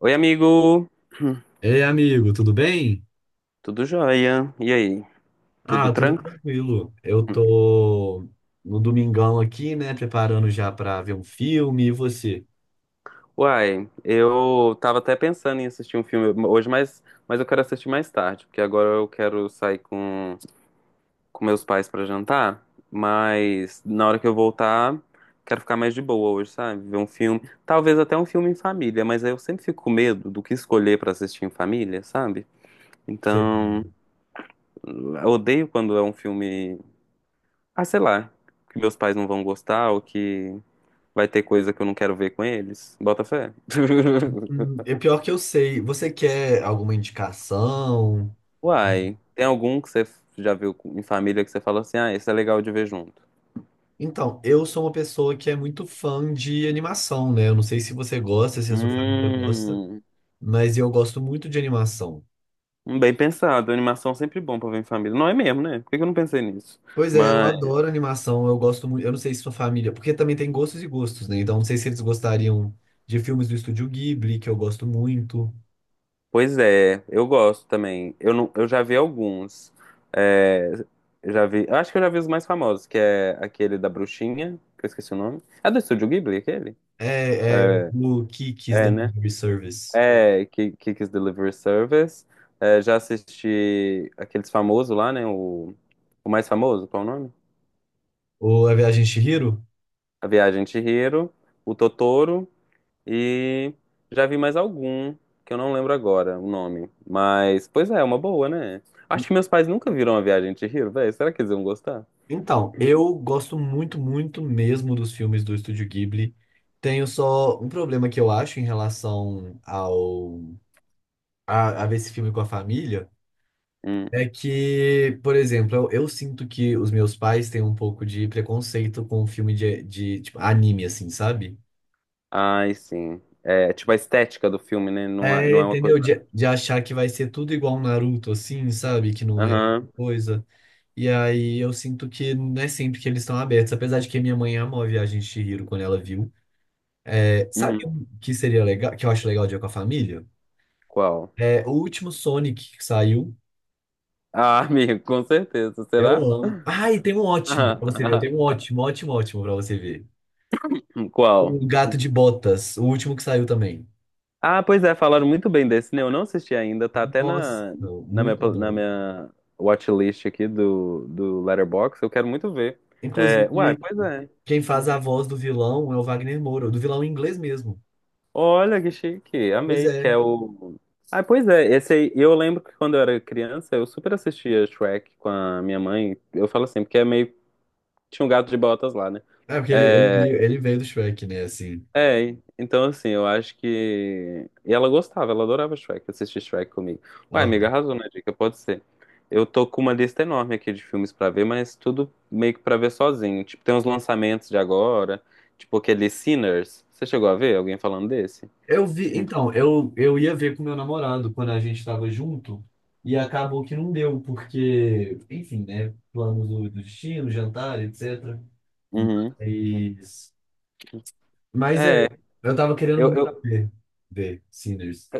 Oi, amigo. Ei, amigo, tudo bem? Tudo jóia? E aí? Tudo Ah, tudo tranquilo? tranquilo. Eu tô no domingão aqui, né, preparando já pra ver um filme. E você? Uai, eu tava até pensando em assistir um filme hoje, mas eu quero assistir mais tarde, porque agora eu quero sair com meus pais pra jantar, mas na hora que eu voltar, quero ficar mais de boa hoje, sabe? Ver um filme, talvez até um filme em família, mas aí eu sempre fico com medo do que escolher pra assistir em família, sabe? Então, eu odeio quando é um filme, ah, sei lá, que meus pais não vão gostar ou que vai ter coisa que eu não quero ver com eles? Bota fé. É pior que eu sei. Você quer alguma indicação? Uai, tem algum que você já viu em família que você fala assim, ah, esse é legal de ver junto? Então, eu sou uma pessoa que é muito fã de animação, né? Eu não sei se você gosta, se a sua família gosta, Hum, mas eu gosto muito de animação. bem pensado. Animação é sempre bom pra ver em família. Não é mesmo, né? Por que que eu não pensei nisso? Pois é, eu Mas, adoro animação, eu gosto muito, eu não sei se sua família, porque também tem gostos e gostos, né? Então não sei se eles gostariam de filmes do Estúdio Ghibli, que eu gosto muito. pois é, eu gosto também. Eu, não, eu já vi alguns. É, já vi, eu acho que eu já vi os mais famosos, que é aquele da bruxinha, que eu esqueci o nome. É do Estúdio Ghibli, aquele? É, é É, o Kiki's é, né? Delivery Service, É, Kiki's Delivery Service. É, já assisti aqueles famosos lá, né? O mais famoso, qual é o nome? ou A Viagem de Chihiro. A Viagem de Chihiro, o Totoro e já vi mais algum, que eu não lembro agora o nome. Mas, pois é, é uma boa, né? Acho que meus pais nunca viram A Viagem de Chihiro, velho. Será que eles vão gostar? Então, eu gosto muito, muito mesmo dos filmes do Estúdio Ghibli. Tenho só um problema que eu acho em relação ao a ver esse filme com a família. Hum. É que, por exemplo, eu sinto que os meus pais têm um pouco de preconceito com filme de tipo, anime, assim, sabe? Ai, sim. É, tipo a estética do filme, né? É, Não é uma coisa. entendeu? De achar que vai ser tudo igual um Naruto, assim, sabe? Que não é Aham. coisa. E aí eu sinto que não é sempre que eles estão abertos. Apesar de que minha mãe amou a Viagem de Chihiro quando ela viu. É, Uhum. sabe um que seria legal, que eu acho legal de ir com a família? Qual? É o último Sonic que saiu. Ah, amigo, com certeza. Eu Será? amo. Ah, e tem um ótimo pra você ver. Eu tenho um ótimo, ótimo, ótimo pra você ver. Qual? O Gato de Botas, o último que saiu também. Ah, pois é, falaram muito bem desse, né? Eu não assisti ainda, tá até Nossa, na, na minha, muito pla- na bom. minha watchlist aqui do Letterboxd, eu quero muito ver. Inclusive, É, uai, pois é. quem faz a voz do vilão é o Wagner Moura, do vilão em inglês mesmo. Olha que chique, Pois amei, que é. é o... Ah, pois é, esse aí, eu lembro que quando eu era criança, eu super assistia Shrek com a minha mãe, eu falo assim, porque é meio... Tinha um gato de botas lá, né? É, porque ele, ele É, veio ele veio do Shrek, né? Assim. é, então assim, eu acho que. E ela gostava, ela adorava Shrek, assistir Shrek comigo. Uai, amiga, Aham. arrasou na dica, pode ser. Eu tô com uma lista enorme aqui de filmes pra ver, mas tudo meio que pra ver sozinho. Tipo, tem uns lançamentos de agora, tipo aquele Sinners. Você chegou a ver alguém falando desse? Eu vi, então, eu ia ver com meu namorado quando a gente estava junto, e acabou que não deu, porque, enfim, né? Planos do destino, jantar, etc. Uhum. Mas, mas é, É, eu tava querendo eu, muito eu, ver, ver Sinners.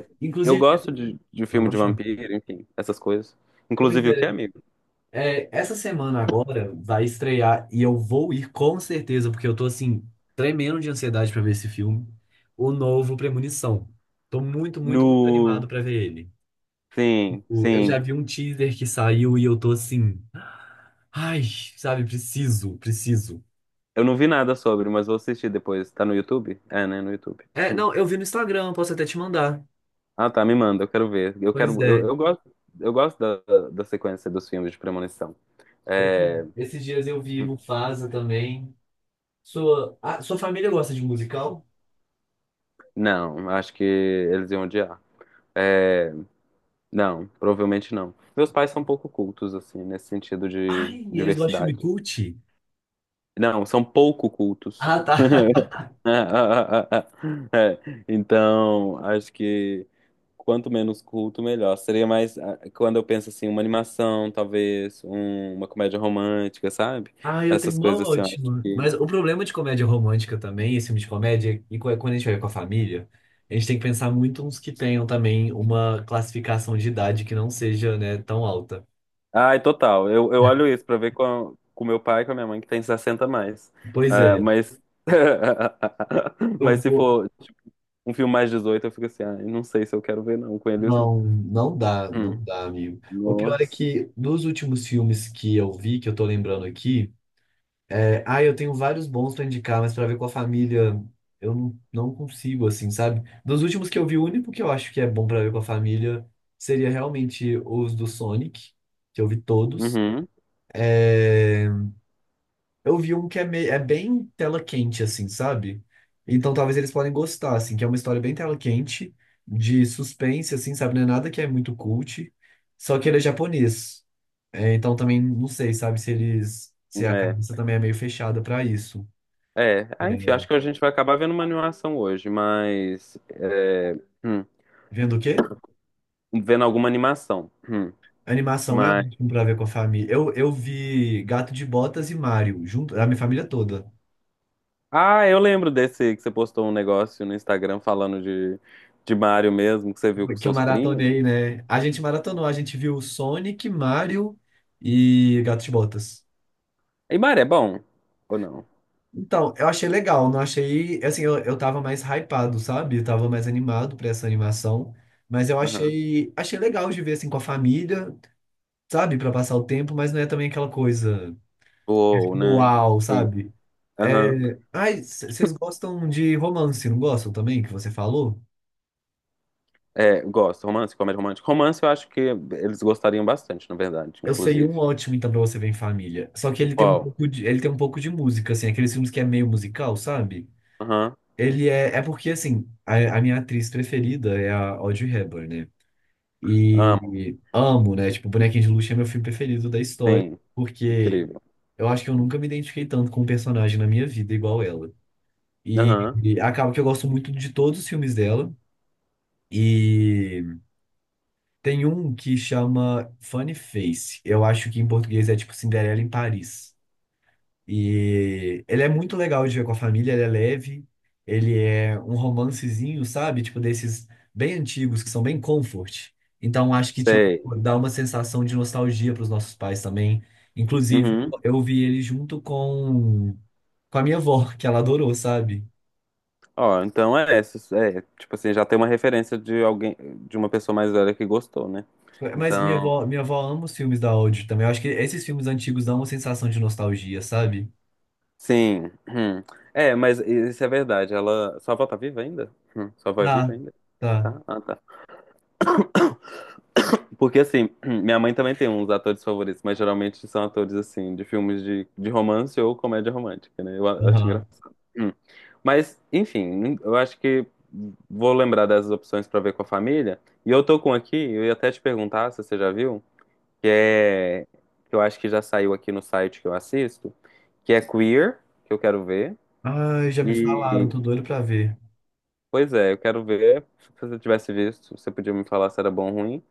eu Inclusive, gosto de não filme de baixou. vampiro, enfim, essas coisas. Pois Inclusive o que, é é. amigo? É, essa semana agora vai estrear e eu vou ir com certeza, porque eu tô assim, tremendo de ansiedade pra ver esse filme. O novo Premonição. Tô muito, muito, muito No. animado pra ver ele. Sim, Eu sim. já vi um teaser que saiu e eu tô assim, ai, sabe, preciso, preciso. Eu não vi nada sobre, mas vou assistir depois. Tá no YouTube? É, né? No YouTube. É, Hum. não, eu vi no Instagram, posso até te mandar. Ah, tá. Me manda, eu quero ver. Eu Pois quero. É. Eu gosto. Eu gosto da sequência dos filmes de premonição. É, Esses dias eu vi hum, Mufasa também. Sua, ah, sua família gosta de musical? não, acho que eles iam odiar. É, não, provavelmente não. Meus pais são pouco cultos, assim, nesse sentido de Ai, eles gostam de filme diversidade. cult? Não, são pouco cultos. Ah, tá. É, então, acho que quanto menos culto, melhor. Seria mais ah, quando eu penso assim, uma animação, talvez, uma comédia romântica, sabe? Ah, eu tenho Essas uma coisas assim, eu acho ótima. que. Mas o problema de comédia romântica também, esse filme de comédia, e é quando a gente vai com a família, a gente tem que pensar muito uns que tenham também uma classificação de idade que não seja, né, tão alta. Ai, total. Eu olho isso pra ver com meu pai e com a minha mãe, que tem 60 mais. Pois Ah, é, mas. eu Mas se vou. for um filme mais 18 eu fico assim, ai, não sei se eu quero ver, não, com eles não. Não, não dá, não Hum. dá, amigo. O pior é Nossa. que dos últimos filmes que eu vi, que eu tô lembrando aqui. É, ah, eu tenho vários bons pra indicar, mas pra ver com a família eu não, não consigo, assim, sabe? Dos últimos que eu vi, o único que eu acho que é bom pra ver com a família seria realmente os do Sonic, que eu vi todos. Uhum. Eu vi um que é, meio, é bem tela quente, assim, sabe? Então talvez eles podem gostar, assim, que é uma história bem tela quente, de suspense, assim, sabe? Não é nada que é muito cult, só que ele é japonês. É, então também não sei, sabe, se eles, se a É. cabeça também é meio fechada pra isso. É, ah, enfim, É, acho que a gente vai acabar vendo uma animação hoje, mas. É, hum, vendo o quê? vendo alguma animação. Animação é Mas. ótimo pra ver com a família. Eu vi Gato de Botas e Mario, junto, a minha família toda, Ah, eu lembro desse que você postou um negócio no Instagram falando de Mario mesmo, que você viu com que eu seus primos. maratonei, né? A gente maratonou, a gente viu Sonic, Mario e Gato de Botas. E Mario é bom? Ou não? Então, eu achei legal, não achei. Assim, eu tava mais hypado, sabe? Eu tava mais animado pra essa animação. Mas eu Aham. achei, achei legal de ver assim com a família, sabe? Pra passar o tempo, mas não é também aquela coisa Ou, né? uau, Sim. sabe? Aham. É... Ai, vocês gostam de romance, não gostam também, que você falou? É, gosto. Romance, comédia romântica. Romance eu acho que eles gostariam bastante, na verdade, Eu sei um inclusive. ótimo, então, pra você ver em família. Só que ele tem um Qual? pouco de, ele tem um pouco de música, assim, aqueles filmes que é meio musical, sabe? Aham. Ele é, porque, assim, a minha atriz preferida é a Audrey Hepburn, né? Amo. E amo, né? Tipo, Bonequinho de Luxo é meu filme preferido da história, Sim. porque Incrível. eu acho que eu nunca me identifiquei tanto com um personagem na minha vida igual ela. E, Aham. e acaba que eu gosto muito de todos os filmes dela. E tem um que chama Funny Face. Eu acho que em português é tipo Cinderela em Paris. E ele é muito legal de ver com a família, ele é leve, ele é um romancezinho, sabe? Tipo, desses bem antigos, que são bem comfort. Então, acho que, tipo, Sei. dá uma sensação de nostalgia para os nossos pais também. Inclusive, Uhum. eu vi ele junto com a minha avó, que ela adorou, sabe? Ó, então é essa. É, tipo assim, já tem uma referência de alguém, de uma pessoa mais velha que gostou, né? Mas Então, minha avó ama os filmes da Audi também. Eu acho que esses filmes antigos dão uma sensação de nostalgia, sabe? sim. Hum. É, mas isso é verdade. Ela. Sua avó tá viva ainda? Sua avó é viva Tá, ainda? tá. Tá? Ah, tá. Porque assim, minha mãe também tem uns atores favoritos, mas geralmente são atores assim, de filmes de romance ou comédia romântica, né? Eu acho Aham. engraçado. Hum. Mas, enfim, eu acho que vou lembrar dessas opções pra ver com a família. E eu tô com aqui, eu ia até te perguntar se você já viu. Que é que eu acho que já saiu aqui no site que eu assisto, que é Queer, que eu quero ver. Ai, já me falaram, E tô doido pra ver. pois é, eu quero ver. Se você tivesse visto, você podia me falar se era bom ou ruim.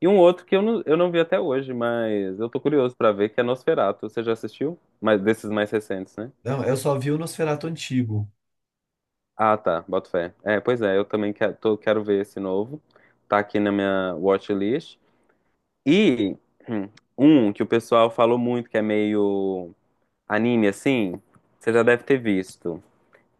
E um outro que eu não vi até hoje, mas eu tô curioso pra ver, que é Nosferatu. Você já assistiu? Mas desses mais recentes, né? Não, eu só vi o Nosferatu antigo. Ah, tá, boto fé. É, pois é, eu também quero, quero ver esse novo. Tá aqui na minha watchlist. E hum, um que o pessoal falou muito, que é meio anime assim, você já deve ter visto,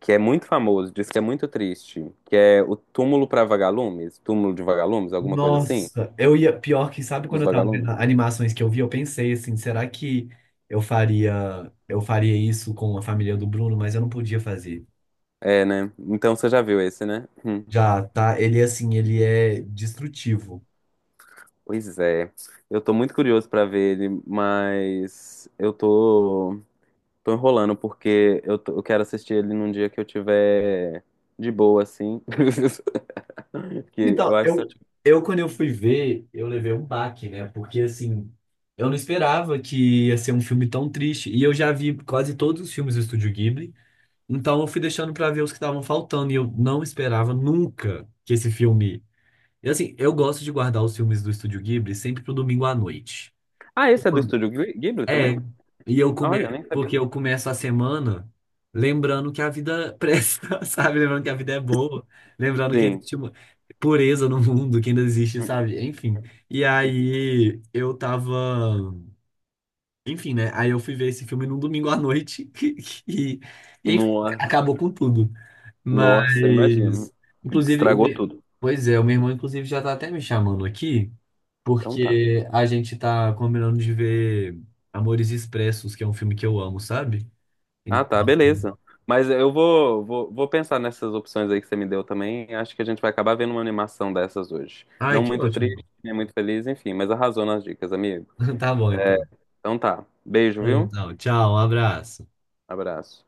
que é muito famoso, diz que é muito triste, que é o Túmulo para Vagalumes, Túmulo de Vagalumes, alguma coisa assim, Nossa, eu ia. Pior que, sabe quando dos eu tava vendo vagalumes. animações que eu vi, eu pensei assim, será que eu faria isso com a família do Bruno, mas eu não podia fazer. É, né? Então você já viu esse, né? Hum. Já, tá? Ele, assim, ele é destrutivo. Pois é. Eu tô muito curioso pra ver ele, mas eu tô enrolando porque eu quero assistir ele num dia que eu tiver de boa assim. Que eu Então, acho que... eu quando eu fui ver, eu levei um baque, né? Porque, assim, eu não esperava que ia ser um filme tão triste. E eu já vi quase todos os filmes do Estúdio Ghibli. Então, eu fui deixando pra ver os que estavam faltando. E eu não esperava nunca que esse filme E assim, eu gosto de guardar os filmes do Estúdio Ghibli sempre pro domingo à noite. Ah, esse é do estúdio Ghibli É, também? Olha, nem sabia. porque eu começo a semana lembrando que a vida presta, sabe? Lembrando que a vida é boa, lembrando que Sim. existe uma pureza no mundo, que ainda existe, sabe? Enfim. E aí eu tava, enfim, né? Aí eu fui ver esse filme num domingo à noite e, e, enfim, Nossa. acabou com tudo. Nossa, eu imagino. Mas, inclusive, o Estragou meu... tudo. pois é, o meu irmão inclusive já tá até me chamando aqui Então tá. porque a gente tá combinando de ver Amores Expressos, que é um filme que eu amo, sabe? Ah, tá, Então- beleza. Mas eu vou pensar nessas opções aí que você me deu também. Acho que a gente vai acabar vendo uma animação dessas hoje. Ai, Não que muito ótimo. triste, nem muito feliz, enfim, mas arrasou nas dicas, amigo. Tá bom, então. Então tá. Beijo, viu? Então, tchau, um abraço. Abraço.